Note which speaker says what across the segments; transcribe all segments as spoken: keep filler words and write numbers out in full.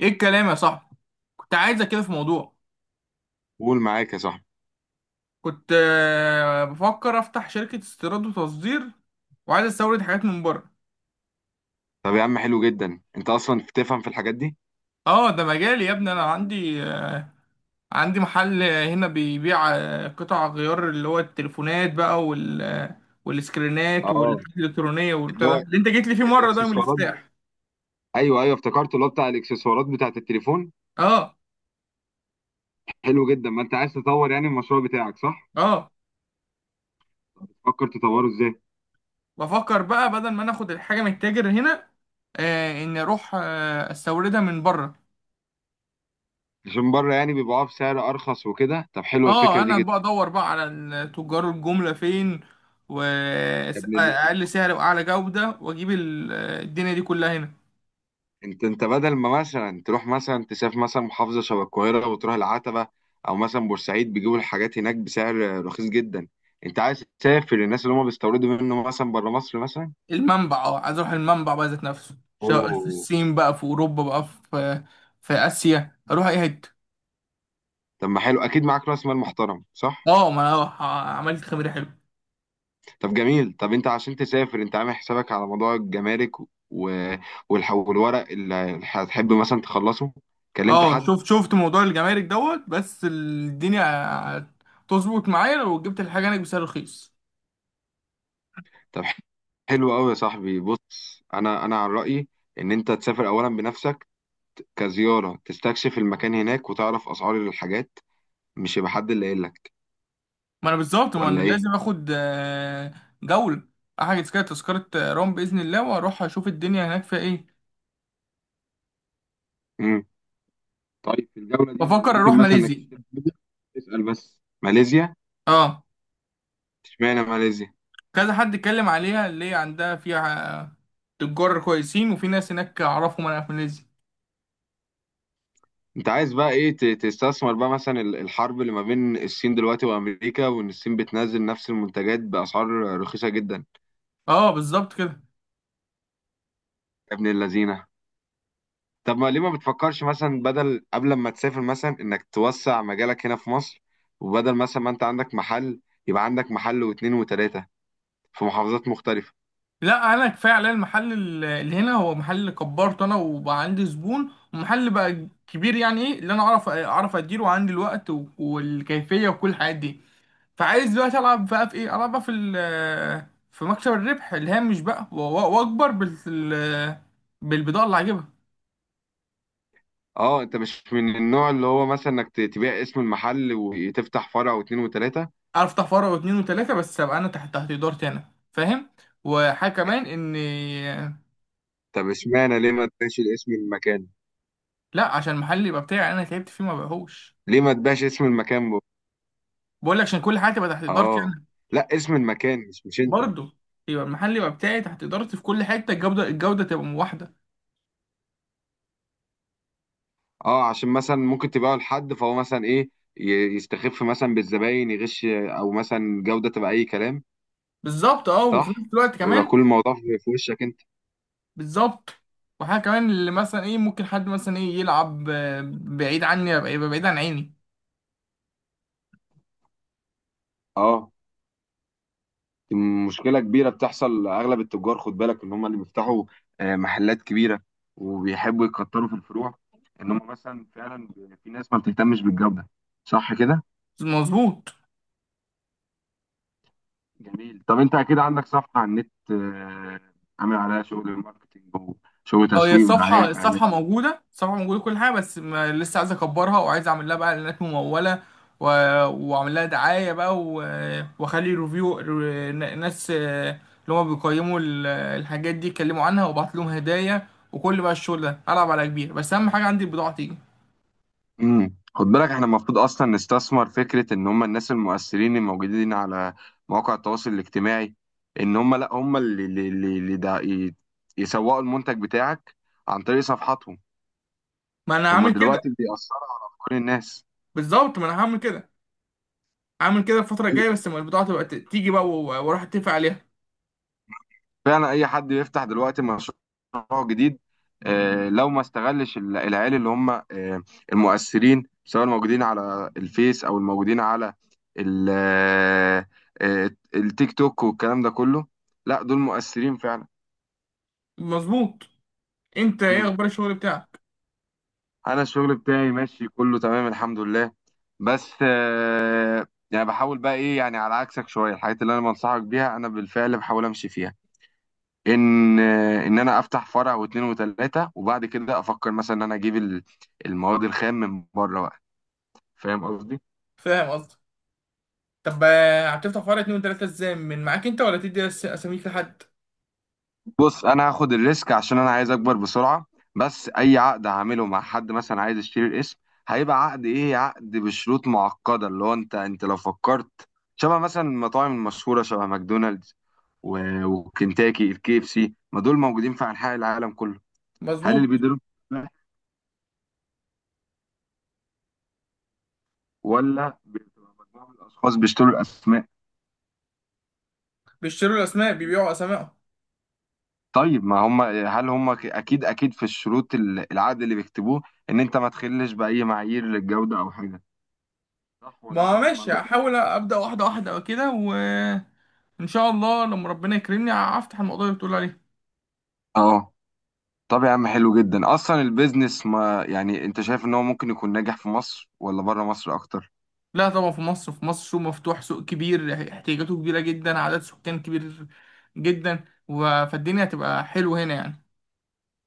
Speaker 1: ايه الكلام يا صاحبي؟ كنت عايزك كده في موضوع.
Speaker 2: قول معاك يا صاحبي.
Speaker 1: كنت آه، بفكر افتح شركة استيراد وتصدير، وعايز استورد حاجات من بره.
Speaker 2: طب يا عم، حلو جدا انت اصلا بتفهم في الحاجات دي.
Speaker 1: اه، ده مجالي يا ابني. انا عندي آه، عندي محل آه، هنا بيبيع آه، قطع غيار، اللي هو التليفونات بقى، وال آه، والسكرينات
Speaker 2: اه،
Speaker 1: والحاجات الالكترونية
Speaker 2: اللي
Speaker 1: والبتاع ده
Speaker 2: هو
Speaker 1: اللي انت جيت لي فيه مرة، ده يوم
Speaker 2: الاكسسوارات.
Speaker 1: الافتتاح.
Speaker 2: ايوه ايوه، افتكرت اللي هو بتاع الاكسسوارات بتاعت التليفون.
Speaker 1: اه
Speaker 2: حلو جدا، ما انت عايز تطور يعني المشروع بتاعك، صح؟
Speaker 1: اه
Speaker 2: تفكر تطوره ازاي؟
Speaker 1: بفكر بقى بدل ما انا اخد الحاجة من التاجر هنا، آه، اني اروح آه، استوردها من بره.
Speaker 2: عشان بره يعني بيبيعوها بسعر ارخص وكده، طب حلوه
Speaker 1: اه،
Speaker 2: الفكره دي
Speaker 1: انا
Speaker 2: جدا.
Speaker 1: بقى ادور بقى على ال- تجار الجملة فين،
Speaker 2: يا ابن اللذين،
Speaker 1: واقل سعر واعلى جودة، واجيب ال- الدنيا دي كلها هنا.
Speaker 2: انت انت بدل ما مثلا تروح مثلا تسافر مثلا محافظه شبه القاهره وتروح العتبه او مثلا بورسعيد بيجيبوا الحاجات هناك بسعر رخيص جدا. انت عايز تسافر الناس اللي هم بيستوردوا منه مثلا بره مصر مثلا.
Speaker 1: المنبع، اه، عايز اروح المنبع بقى ذات نفسه، سواء في
Speaker 2: اوه.
Speaker 1: الصين بقى، في اوروبا بقى، في في اسيا، اروح اي حتة.
Speaker 2: طب ما حلو، اكيد معاك راس مال محترم، صح؟
Speaker 1: اه، ما انا ه- عملت خميرة حلو.
Speaker 2: طب جميل. طب انت عشان تسافر، انت عامل حسابك على موضوع الجمارك و... والح... والورق اللي هتحب مثلا تخلصه؟ كلمت
Speaker 1: اه،
Speaker 2: حد؟
Speaker 1: شفت شفت موضوع الجمارك دوت، بس الدنيا هتظبط معايا لو جبت الحاجة هناك بسعر رخيص.
Speaker 2: طب حلو قوي يا صاحبي. بص، انا انا عن رايي ان انت تسافر اولا بنفسك كزياره، تستكشف المكان هناك وتعرف اسعار الحاجات، مش يبقى حد اللي قايل لك
Speaker 1: ما انا بالظبط، ما انا
Speaker 2: ولا ايه.
Speaker 1: لازم اخد آه، جولة. احجز كده تذكرة آه، روم بإذن الله، واروح اشوف الدنيا هناك فيها ايه.
Speaker 2: امم طيب في الجوله دي
Speaker 1: بفكر
Speaker 2: ممكن
Speaker 1: اروح
Speaker 2: مثلا انك
Speaker 1: ماليزيا.
Speaker 2: تشتري حاجة، تسال بس. ماليزيا؟
Speaker 1: اه،
Speaker 2: اشمعنى ماليزيا؟
Speaker 1: كذا حد اتكلم عليها، اللي هي عندها فيها آه، تجار كويسين، وفي ناس هناك اعرفهم انا في ماليزيا.
Speaker 2: انت عايز بقى ايه، ت- تستثمر بقى مثلا ال- الحرب اللي ما بين الصين دلوقتي وامريكا، وان الصين بتنزل نفس المنتجات باسعار رخيصه جدا.
Speaker 1: اه، بالظبط كده.
Speaker 2: يا ابن اللذينه، طب ما ليه ما بتفكرش مثلا بدل قبل ما تسافر مثلا انك توسع مجالك هنا في مصر؟ وبدل مثلا ما انت عندك محل، يبقى عندك محل واتنين وتلاته في محافظات مختلفه.
Speaker 1: لا، انا كفايه عليا المحل ال- اللي هنا. هو محل اللي كبرته انا، وبقى عندي زبون، ومحل بقى كبير، يعني ايه اللي انا اعرف اعرف اديره، وعندي الوقت و- والكيفيه وكل الحاجات دي. فعايز دلوقتي العب بقى في ايه، العب بقى في ال- في مكسب الربح اللي هامش بقى، و- و- واكبر بال بالبضاعه اللي هجيبها.
Speaker 2: اه، انت مش من النوع اللي هو مثلا انك ت- تبيع اسم المحل وتفتح فرع واتنين وتلاته؟
Speaker 1: افتح فرع واتنين وتلاته، بس ابقى انا تحت تحت ادارتي انا، فاهم. وحاجه كمان ان.
Speaker 2: طب اشمعنى؟ ليه ما تبيعش اسم المكان؟
Speaker 1: لا، عشان المحل يبقى بتاعي، انا تعبت فيه ما بقهوش.
Speaker 2: ليه ما تبيعش اسم المكان؟
Speaker 1: بقول لك عشان كل حاجه تبقى تحت ادارتي
Speaker 2: اه.
Speaker 1: انا،
Speaker 2: لا، اسم المكان مش مش انت.
Speaker 1: برضه. يبقى المحل يبقى بتاعي تحت ادارتي في كل حته، الجوده الجوده تبقى واحده.
Speaker 2: اه، عشان مثلا ممكن تبيعه لحد، فهو مثلا ايه، ي- يستخف مثلا بالزباين، يغش او مثلا جودة تبقى اي كلام.
Speaker 1: بالظبط. اه، وفي نفس
Speaker 2: صح،
Speaker 1: الوقت
Speaker 2: يبقى
Speaker 1: كمان.
Speaker 2: كل الموضوع في في وشك انت.
Speaker 1: بالظبط. وحاجة كمان، اللي مثلا ايه، ممكن حد مثلا ايه يلعب آه، بعيد عني، يبقى يبقى بعيد عن عيني.
Speaker 2: اه، دي مشكلة كبيرة بتحصل لأغلب التجار. خد بالك إن هم اللي بيفتحوا آه، محلات كبيرة، وبيحبوا يكتروا في الفروع، إن هم مثلا فعلا في ناس ما بتهتمش بالجودة. صح كده؟
Speaker 1: مظبوط.
Speaker 2: جميل. طب انت اكيد عندك صفحة على النت، آه، عامل عليها شغل الماركتينج وشغل
Speaker 1: اه، هي
Speaker 2: تسويق ودعاية
Speaker 1: الصفحة الصفحة
Speaker 2: واعلان.
Speaker 1: موجودة، الصفحة موجودة، كل حاجة، بس ما لسه عايز اكبرها، وعايز اعمل لها بقى اعلانات ممولة، و... واعمل لها دعاية بقى، و... واخلي ريفيو، ر- ناس آه، اللي هما بيقيموا ال- الحاجات دي يتكلموا عنها، وابعت لهم هدايا. وكل بقى الشغل ده العب على كبير، بس اهم حاجة عندي البضاعة تيجي.
Speaker 2: امم خد بالك احنا المفروض اصلا نستثمر فكرة ان هم الناس المؤثرين الموجودين على مواقع التواصل الاجتماعي، ان هم لا هم اللي اللي اللي اللي دع- ي- يسوقوا المنتج بتاعك عن طريق صفحاتهم.
Speaker 1: ما انا
Speaker 2: هم
Speaker 1: هعمل
Speaker 2: دلوقتي
Speaker 1: كده.
Speaker 2: بيأثروا على افكار الناس.
Speaker 1: بالظبط، ما انا هعمل كده، عامل كده الفترة الجاية، بس لما البضاعة تبقى ت- تيجي بقى، و- واروح اتفق عليها.
Speaker 2: فعلا اي حد بيفتح دلوقتي مشروع جديد، آه، لو ما استغلش ال- العيال اللي هم آه، المؤثرين، سواء الموجودين على الفيس او الموجودين على ال- آه، آه، التيك توك والكلام ده كله، لا دول مؤثرين فعلا.
Speaker 1: مظبوط. انت ايه
Speaker 2: مم.
Speaker 1: اخبار الشغل بتاعك؟
Speaker 2: انا الشغل بتاعي ماشي كله تمام الحمد لله. بس آه، يعني بحاول بقى ايه، يعني على عكسك شوية الحاجات اللي انا بنصحك بيها انا بالفعل بحاول امشي فيها. ان ان انا افتح فرع واثنين وثلاثه وبعد كده افكر مثلا ان انا اجيب ال- المواد الخام من بره بقى. فاهم قصدي.
Speaker 1: فاهم قصدي. طب آه، هتفتح فرع اتنين وتلاتة ازاي، من معاك انت ولا تدي أس- اساميك لحد؟
Speaker 2: بص، انا هاخد الريسك عشان انا عايز اكبر بسرعه. بس اي عقد هعمله مع حد مثلا عايز يشتري الاسم، هيبقى عقد ايه، عقد بشروط معقده اللي هو انت انت لو فكرت شبه مثلا المطاعم المشهوره، شبه ماكدونالدز و- وكنتاكي الكي اف سي، ما دول موجودين في انحاء العالم كله. هل اللي
Speaker 1: مظبوط.
Speaker 2: بيديروا، ولا بتبقى مجموعه من الاشخاص بيشتروا الاسماء؟
Speaker 1: بيشتروا الاسماء، بيبيعوا اسمائهم.
Speaker 2: طيب ما هم هل هم ك- اكيد اكيد في الشروط ال- العقد اللي بيكتبوه ان انت ما تخلش باي معايير للجوده او حاجه، صح ولا
Speaker 1: ما
Speaker 2: انا
Speaker 1: هو
Speaker 2: عندي
Speaker 1: ماشي،
Speaker 2: المعلومات دي؟
Speaker 1: هحاول ابدا واحدة واحدة كده، وان شاء الله لما ربنا يكرمني ه- هفتح الموضوع اللي بتقول عليه.
Speaker 2: اه. طب يا عم حلو جدا اصلا. البيزنس ما يعني، انت شايف ان هو ممكن يكون ناجح في مصر ولا بره مصر اكتر؟
Speaker 1: لا طبعا، في مصر، في مصر سوق مفتوح، سوق كبير احتياجاته كبيرة جدا، عدد سكان كبير جدا، و- فالدنيا هتبقى حلوة هنا يعني.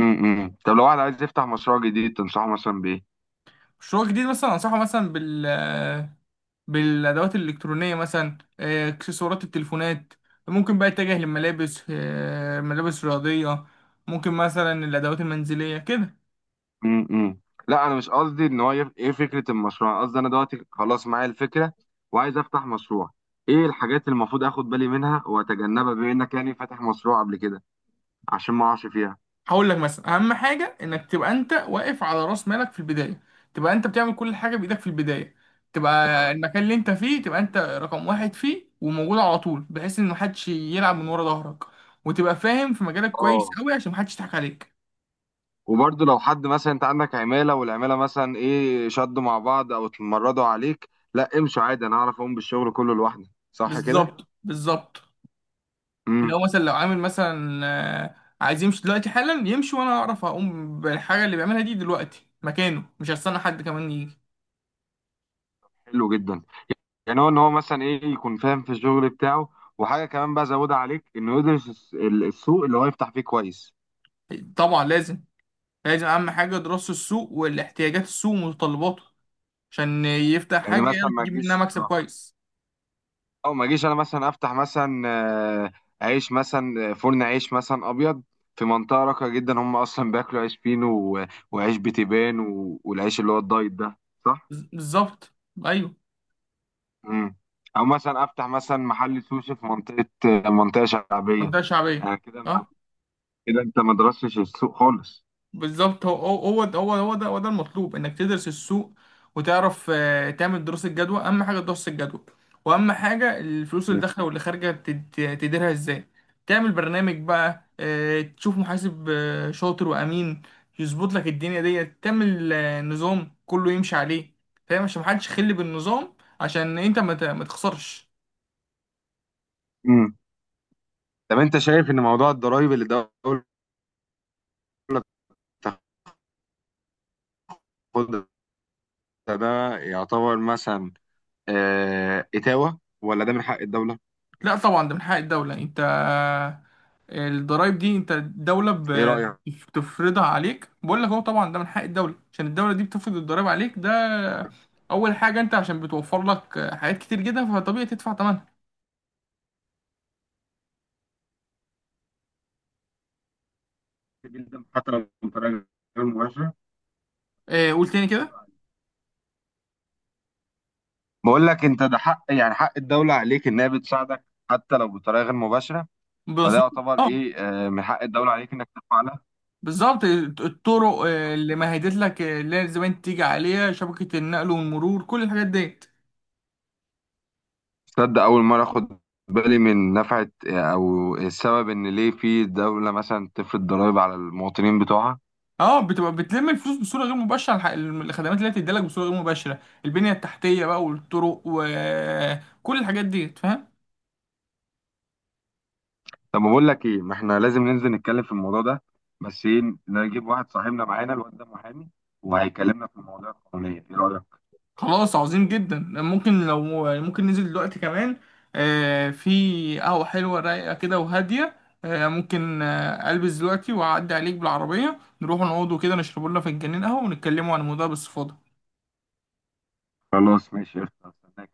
Speaker 2: امم طب لو واحد عايز يفتح مشروع جديد، تنصحه مثلا بايه؟
Speaker 1: مشروع جديد مثلا انصحه مثلا بال بالادوات الالكترونيه، مثلا آه، اكسسوارات التليفونات. ممكن بقى يتجه للملابس، آه، ملابس رياضيه. ممكن مثلا الادوات المنزليه كده.
Speaker 2: امم لا انا مش قصدي ان هو يف... ايه فكره المشروع. أنا قصدي انا دلوقتي خلاص معايا الفكره، وعايز افتح مشروع. ايه الحاجات اللي المفروض اخد بالي منها واتجنبها بما انك يعني فاتح مشروع قبل كده، عشان ما اقعش فيها.
Speaker 1: هقول لك مثلا، اهم حاجه انك تبقى انت واقف على راس مالك في البدايه. تبقى انت بتعمل كل حاجه بايدك في البدايه. تبقى
Speaker 2: تمام.
Speaker 1: المكان اللي انت فيه، تبقى انت رقم واحد فيه، وموجود على طول، بحيث ان محدش يلعب من ورا ظهرك. وتبقى فاهم في مجالك كويس
Speaker 2: اه،
Speaker 1: قوي، عشان محدش يضحك عليك.
Speaker 2: وبرضه لو حد مثلا انت عندك عماله والعماله مثلا ايه شدوا مع بعض او اتمردوا عليك، لا امشوا عادي، انا اعرف اقوم بالشغل كله لوحدي، صح كده؟
Speaker 1: بالظبط، بالظبط. اللي هو
Speaker 2: امم
Speaker 1: مثلا لو عامل مثلا آه، عايز يمشي دلوقتي حالا، يمشي، وانا اعرف اقوم بالحاجه اللي بيعملها دي دلوقتي مكانه، مش هستنى حد كمان يجي.
Speaker 2: حلو جدا، يعني هو ان هو مثلا ايه يكون فاهم في الشغل بتاعه، وحاجه كمان بقى زودها عليك انه يدرس الس- ال- السوق اللي هو يفتح فيه كويس.
Speaker 1: طبعا لازم. لازم اهم حاجه دراسه السوق، والاحتياجات السوق ومتطلباته، عشان يفتح
Speaker 2: يعني
Speaker 1: حاجه
Speaker 2: مثلا
Speaker 1: يعرف
Speaker 2: ما
Speaker 1: يجيب منها
Speaker 2: تجيش
Speaker 1: مكسب كويس.
Speaker 2: او ما اجيش انا مثلا افتح مثلا آه، عيش مثلا آه، فرن عيش مثلا ابيض في منطقه راقيه جدا هم اصلا بياكلوا عيش فينو و- وعيش بتبان و- والعيش اللي هو الدايت ده، صح.
Speaker 1: بز- بالظبط. ايوه.
Speaker 2: امم او مثلا افتح مثلا محل سوشي في منطقه، آه، منطقه شعبيه.
Speaker 1: منطقه شعبيه.
Speaker 2: يعني كده ما-
Speaker 1: اه،
Speaker 2: كده انت ما درستش السوق خالص.
Speaker 1: بالظبط. هو هو هو ده هو هو ده هو ده المطلوب، انك تدرس السوق، وتعرف آه، تعمل دراسة جدوى، اهم حاجة دراسة الجدوى. واهم حاجة الفلوس اللي داخلة واللي خارجة تد- تديرها ازاي. تعمل برنامج بقى، آه، تشوف محاسب آه، شاطر وامين، يظبط لك الدنيا ديت، تعمل آه، نظام كله يمشي عليه، فاهم، عشان محدش يخل بالنظام، عشان انت ما ت- ما تخسرش.
Speaker 2: امم طب انت شايف ان موضوع الضرايب اللي الدوله بتاخدها، ده يعتبر مثلا آه، اتاوه ولا ده من حق الدوله؟
Speaker 1: لا طبعا، ده من حق الدولة. انت الضرايب دي، انت الدولة
Speaker 2: ايه
Speaker 1: ب-
Speaker 2: رايك؟
Speaker 1: بتفرضها عليك. بقول لك هو طبعا ده من حق الدولة، عشان الدولة دي بتفرض الضرايب عليك ده، أول حاجة، انت عشان بتوفر لك حاجات كتير جدا، فطبيعي تدفع ثمنها.
Speaker 2: جدا، حتى لو بطريقه غير مباشره.
Speaker 1: اه، قول تاني كده.
Speaker 2: بقول لك انت، ده حق، يعني حق الدوله عليك، انها بتساعدك حتى لو بطريقه غير مباشره. فده
Speaker 1: مظبوط.
Speaker 2: يعتبر
Speaker 1: اه،
Speaker 2: ايه، آه، من حق الدوله عليك انك تفعلها.
Speaker 1: بالظبط. الطرق آه، اللي مهدت لك، آه، اللي هي زمان تيجي عليها شبكة النقل والمرور، كل الحاجات ديت.
Speaker 2: تصدق اول مره اخد بالي من نفعه، آه، او السبب ان ليه في دوله مثلا تفرض ضرائب على المواطنين بتوعها.
Speaker 1: اه، بتبقى بتلم الفلوس بصوره غير مباشره، الح- الخدمات اللي هي بتديلك بصوره غير مباشره، البنيه التحتيه بقى، والطرق، وكل الحاجات دي، فاهم.
Speaker 2: طب ما بقول لك ايه، ما احنا لازم ننزل نتكلم في الموضوع ده، بس ايه، نجيب واحد صاحبنا معانا، الواد ده محامي وهيكلمنا في المواضيع القانونيه. ايه رايك؟
Speaker 1: خلاص، عظيم جدا. ممكن لو ممكن ننزل دلوقتي كمان، آه، في قهوه حلوه رايقه كده وهاديه، آه، ممكن آه، البس دلوقتي واعدي عليك بالعربيه، نروح نقعد كده، نشرب لنا فنجانين قهوه، ونتكلموا عن الموضوع باستفاضه.
Speaker 2: خلاص ماشي قشطة. استناك.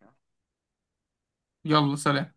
Speaker 1: يلا سلام.